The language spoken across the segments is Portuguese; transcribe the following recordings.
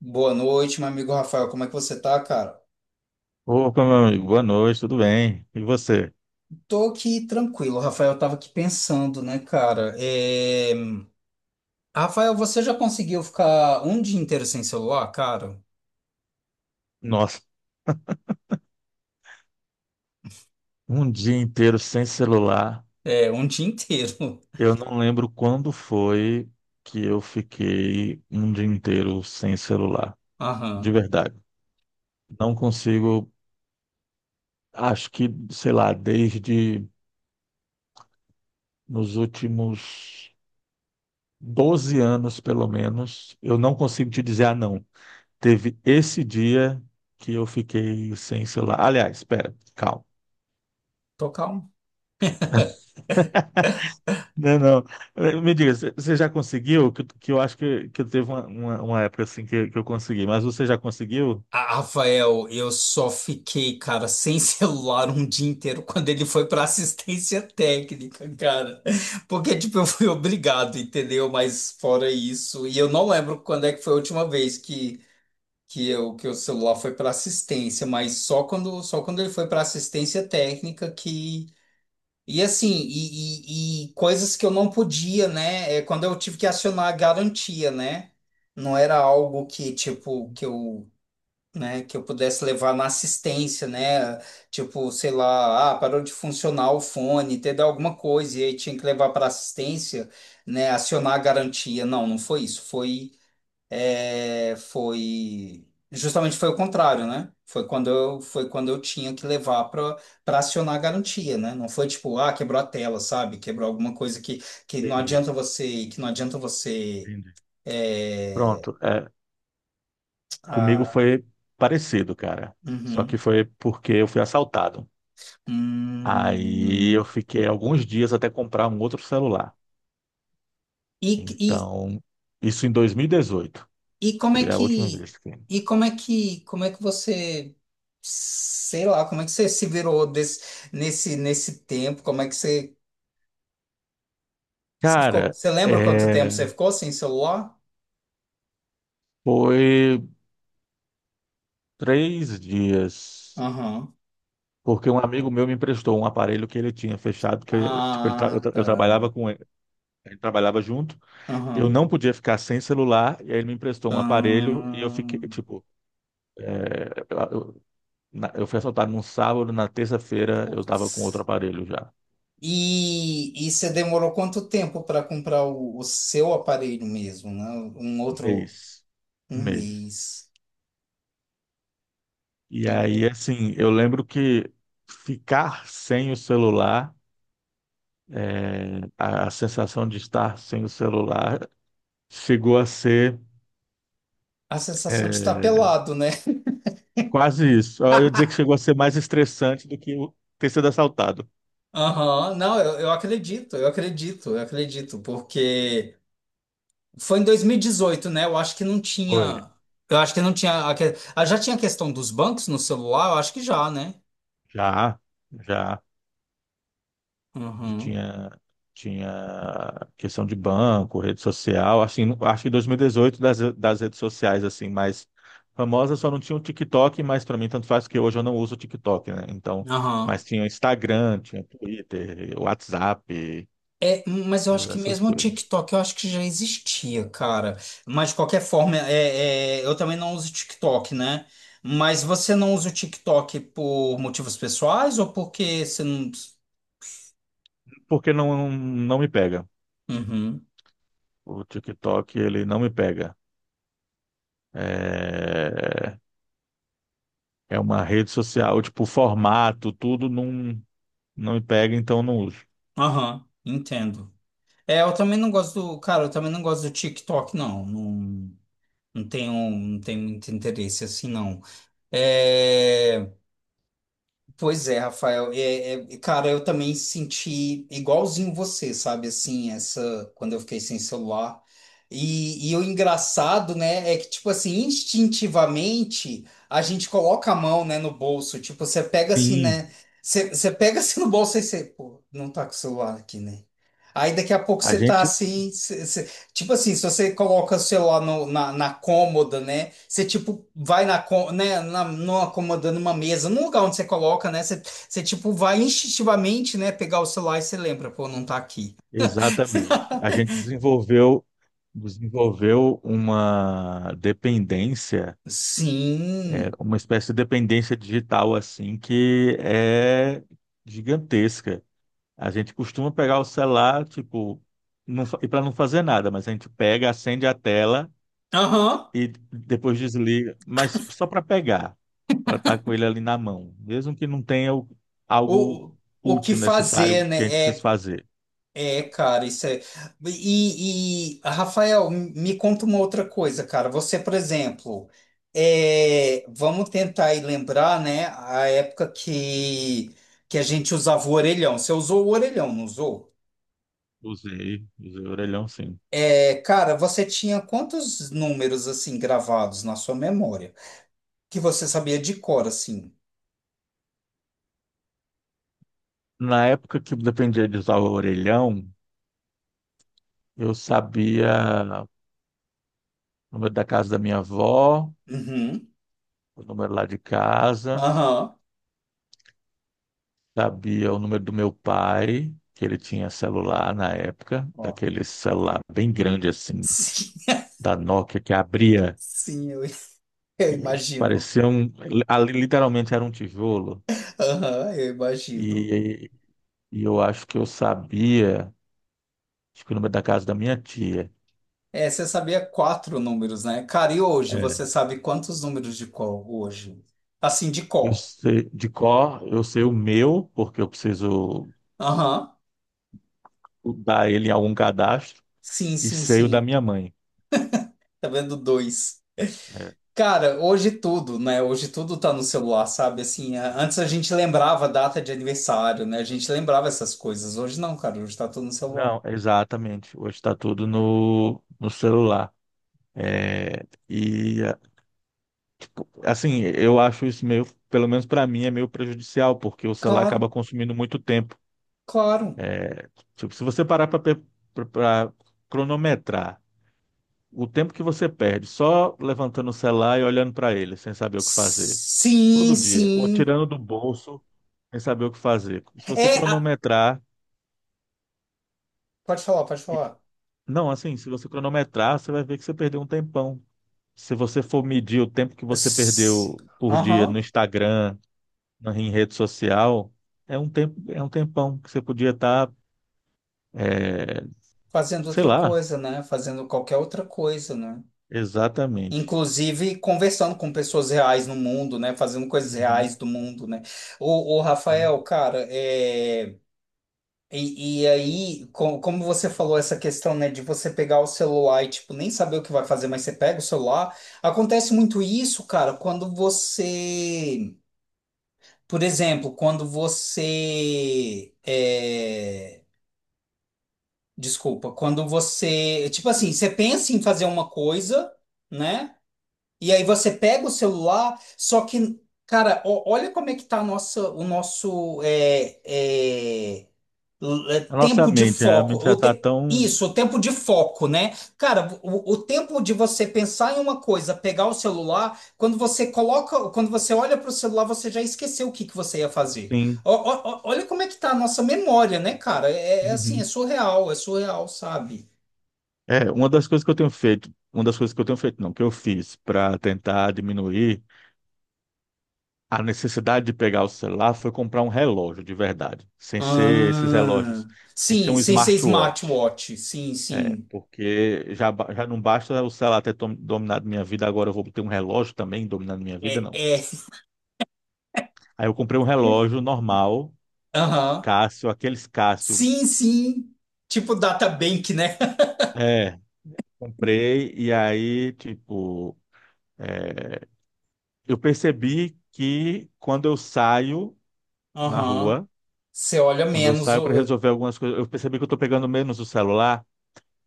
Boa noite, meu amigo Rafael. Como é que você tá, cara? Opa, meu amigo, boa noite, tudo bem? E você? Tô aqui tranquilo, Rafael. Eu tava aqui pensando, né, cara? É, Rafael, você já conseguiu ficar um dia inteiro sem celular, cara? Nossa, um dia inteiro sem celular. É, um dia inteiro. Eu não lembro quando foi que eu fiquei um dia inteiro sem celular, de Aham. verdade. Não consigo, acho que, sei lá, desde nos últimos 12 anos, pelo menos, eu não consigo te dizer, ah, não, teve esse dia que eu fiquei sem celular. Aliás, espera, calma. Tô calmo. Não, não. Me diga, você já conseguiu? Que eu acho que teve uma época assim que eu consegui, mas você já conseguiu? Ah, Rafael, eu só fiquei, cara, sem celular um dia inteiro quando ele foi para assistência técnica, cara. Porque, tipo, eu fui obrigado, entendeu? Mas fora isso, e eu não lembro quando é que foi a última vez que. Que eu, que o celular foi para assistência, mas só quando ele foi para assistência técnica que. E assim, e coisas que eu não podia, né? É quando eu tive que acionar a garantia, né? Não era algo que, tipo, né, que eu pudesse levar na assistência, né? Tipo, sei lá, ah, parou de funcionar o fone, teve alguma coisa, e aí tinha que levar para assistência, né? Acionar a garantia. Não, não foi isso. Foi justamente foi o contrário, né? Foi quando eu tinha que levar para acionar a garantia, né? Não foi tipo, ah, quebrou a tela, sabe? Quebrou alguma coisa que, Entendi, que não adianta você entendi. é, Pronto. Comigo ah, foi parecido, cara. Só que uhum. foi porque eu fui assaltado. Aí Hum. eu fiquei alguns dias até comprar um outro celular. E, e, Então, isso em 2018. e como é Foi a última que vez que. e como é que você sei lá, como é que você se virou nesse tempo? Como é que você Você ficou, Cara, você lembra quanto tempo você é, ficou sem celular? foi 3 dias. Aham. Porque um amigo meu me emprestou um aparelho que ele tinha fechado, que eu, tipo, ele Ah, tra- eu tá. trabalhava com ele, ele trabalhava junto, eu Aham. não podia ficar sem celular, e aí ele me emprestou um aparelho e eu fiquei, Hum, tipo, é, eu, eu- eu fui assaltado num sábado, na terça-feira eu tava com outro putz. aparelho já. E você demorou quanto tempo para comprar o seu aparelho mesmo, né? Um Um outro, mês. um Um mês. mês. E aí, É, assim, eu lembro que ficar sem o celular, a sensação de estar sem o celular chegou a ser. a sensação de estar é, pelado, né? Quase isso. Eu ia dizer que chegou a ser mais estressante do que ter sido assaltado. Aham, não, eu acredito, eu acredito, eu acredito, porque foi em 2018, né? Eu acho que não Foi. tinha. Eu acho que não tinha. Ah, já tinha a questão dos bancos no celular? Eu acho que já, né? Já, já. E Uhum. tinha, tinha questão de banco, rede social. Assim, acho que em 2018 das, das redes sociais, assim, mais famosas, só não tinha o TikTok, mas para mim tanto faz que hoje eu não uso o TikTok, né? Então, Aham. mas tinha Instagram, tinha Twitter, WhatsApp, É, mas eu acho todas que essas mesmo o coisas. TikTok, eu acho que já existia, cara. Mas de qualquer forma, é, é, eu também não uso TikTok, né? Mas você não usa o TikTok por motivos pessoais ou porque você não. Porque não, não me pega. Uhum. O TikTok, ele não me pega. É... É uma rede social, tipo, o formato, tudo não, não me pega, então não uso. Aham, entendo. É, eu também não gosto do. Cara, eu também não gosto do TikTok, não. Não. Não tenho muito interesse assim, não. É, pois é, Rafael. É, é, cara, eu também senti igualzinho você, sabe? Assim, essa quando eu fiquei sem celular. E o engraçado, né, é que, tipo assim, instintivamente a gente coloca a mão, né, no bolso. Tipo, você pega assim, Sim, né? Você pega assim no bolso e você, pô, não tá com o celular aqui, né? Aí daqui a pouco a você tá gente, assim, você tipo assim, se você coloca o celular na cômoda, né? Você, tipo, vai né? Na, numa cômoda, numa mesa, num lugar onde você coloca, né? Você, tipo, vai instintivamente, né? Pegar o celular e você lembra, pô, não tá aqui. exatamente. A gente desenvolveu uma dependência, é, Sim. uma espécie de dependência digital, assim, que é gigantesca. A gente costuma pegar o celular, tipo, não, e para não fazer nada, mas a gente pega, acende a tela, Aham. e depois desliga, mas só para pegar, para estar com ele ali na mão, mesmo que não tenha O, algo o que útil, fazer, necessário né? que a gente precise É fazer. é, cara, isso é. E, Rafael, me conta uma outra coisa, cara. Você, por exemplo, é, vamos tentar aí lembrar, né, a época que a gente usava o orelhão. Você usou o orelhão, não usou? Usei, usei o orelhão sim. É, cara, você tinha quantos números assim gravados na sua memória que você sabia de cor, assim? Na época que dependia de usar o orelhão, eu sabia o número da casa da minha avó, Uhum. o número lá de casa, Aham. sabia o número do meu pai, que ele tinha celular na época, Ó. daquele celular bem grande assim, Sim, da Nokia que abria. sim, eu É, imagino. Parecia um. Ali literalmente era um tijolo. Aham, eu imagino. E, e eu acho que eu sabia, acho que o número da casa da minha tia. É, você sabia quatro números, né? Cara, e hoje É. você sabe quantos números de cor hoje? Assim, de Eu cor. sei, de cor, eu sei o meu, porque eu preciso Aham. dar ele em algum cadastro, Sim, e sim, sei o da sim. minha mãe. Tá vendo dois. É. Cara, hoje tudo, né? Hoje tudo tá no celular, sabe? Assim, antes a gente lembrava a data de aniversário, né? A gente lembrava essas coisas. Hoje não, cara. Hoje tá tudo no celular. Não, exatamente. Hoje está tudo no, no celular. E, tipo, assim, eu acho isso meio, pelo menos para mim, é meio prejudicial, porque o celular acaba Claro, consumindo muito tempo. claro. Tipo, se você parar para cronometrar o tempo que você perde só levantando o celular e olhando para ele, sem saber o que fazer, Sim, todo dia, ou sim. tirando do bolso, sem saber o que fazer. Se É, você cronometrar, pode falar, pode e- falar. não, assim, se você cronometrar, você vai ver que você perdeu um tempão. Se você for medir o tempo que você S- perdeu por dia no Aham. Instagram, em rede social, é um tempo, é um tempão que você podia estar, Fazendo sei outra lá, coisa, né? Fazendo qualquer outra coisa, né? exatamente. Inclusive conversando com pessoas reais no mundo, né? Fazendo coisas Uhum. reais do mundo, né? O, Rafael, cara, é... e aí, como você falou essa questão, né, de você pegar o celular e, tipo, nem saber o que vai fazer, mas você pega o celular, acontece muito isso, cara, quando você, por exemplo, quando você é... Desculpa, quando você, tipo assim, você pensa em fazer uma coisa, né? E aí você pega o celular, só que, cara, olha como é que tá a nossa, o nosso é, A nossa tempo de mente, a foco. mente já tá tão. Isso, o tempo de foco, né? Cara, o tempo de você pensar em uma coisa, pegar o celular, quando você coloca, quando você olha para o celular, você já esqueceu o que que você ia fazer. Sim. Olha como é que tá a nossa memória, né, cara? É, é assim, Uhum. É surreal, sabe? É, uma das coisas que eu tenho feito, uma das coisas que eu tenho feito, não, que eu fiz para tentar diminuir a necessidade de pegar o celular foi comprar um relógio de verdade, sem ser esses Ah, relógios, sem ser sim, um sem ser smartwatch. smartwatch, sim, É, sim. porque já, já não basta o celular ter dominado minha vida, agora eu vou ter um relógio também dominando minha vida, É, não. é, Aí eu comprei um relógio normal, aham. Casio, aqueles Casio. Sim, sim. Tipo data bank, né? É, comprei e aí, tipo, eu percebi que quando eu saio na Aham. rua, Você olha quando eu menos. saio para resolver algumas coisas, eu percebi que eu estou pegando menos o celular,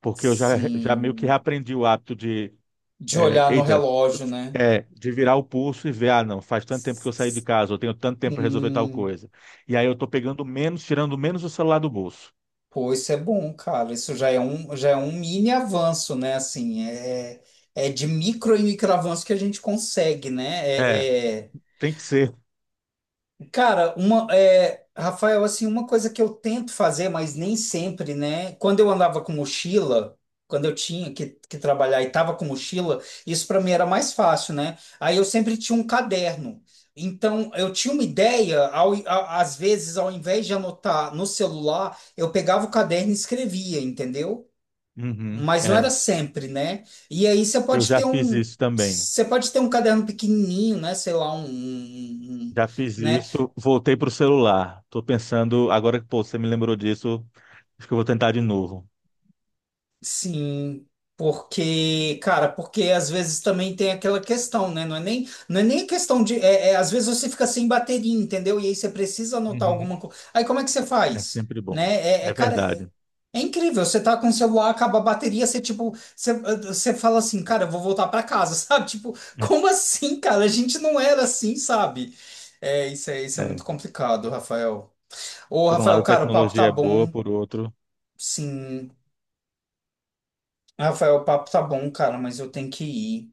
porque eu já, já meio que Sim. reaprendi o hábito de, De é, olhar no eita, relógio, né? é, de virar o pulso e ver, ah, não, faz tanto tempo que eu saí de casa, eu tenho tanto tempo para resolver tal Sim. coisa. E aí eu estou pegando menos, tirando menos o celular do bolso. Pô, isso é bom, cara. Isso já é um mini avanço, né? Assim, é, é de micro e micro avanço que a gente consegue, né? É, É, é- tem que ser. cara, uma, é, Rafael, assim, uma coisa que eu tento fazer, mas nem sempre, né? Quando eu andava com mochila, quando eu tinha que trabalhar e tava com mochila, isso para mim era mais fácil, né? Aí eu sempre tinha um caderno. Então, eu tinha uma ideia, às vezes, ao invés de anotar no celular, eu pegava o caderno e escrevia, entendeu? Uhum, Mas não era sempre, né? E aí eu já fiz isso também. você pode ter um caderno pequenininho, né? Sei lá, Já fiz né? isso, voltei pro celular. Tô pensando, agora que pô, você me lembrou disso, acho que eu vou tentar de novo. Sim, porque, cara, porque às vezes também tem aquela questão, né? Não é nem questão de. É, é, às vezes você fica sem bateria, entendeu? E aí você precisa anotar alguma Uhum. coisa. Aí como é que você É faz? sempre bom. Né? É, é, É cara, é, verdade. é incrível. Você tá com o celular, acaba a bateria, você tipo, você, você fala assim, cara, eu vou voltar pra casa, sabe? Tipo, como assim, cara? A gente não era assim, sabe? É, isso é É. muito complicado, Rafael. Ô, Por um Rafael, lado, a cara, o papo tá tecnologia é boa, bom. por outro, Sim, Rafael, o papo tá bom, cara, mas eu tenho que ir.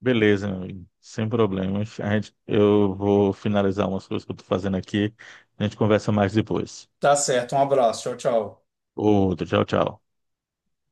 beleza, meu amigo. Sem problemas. Eu vou finalizar umas coisas que eu tô fazendo aqui. A gente conversa mais depois. Tá certo, um abraço, tchau, tchau. Outro, tchau, tchau.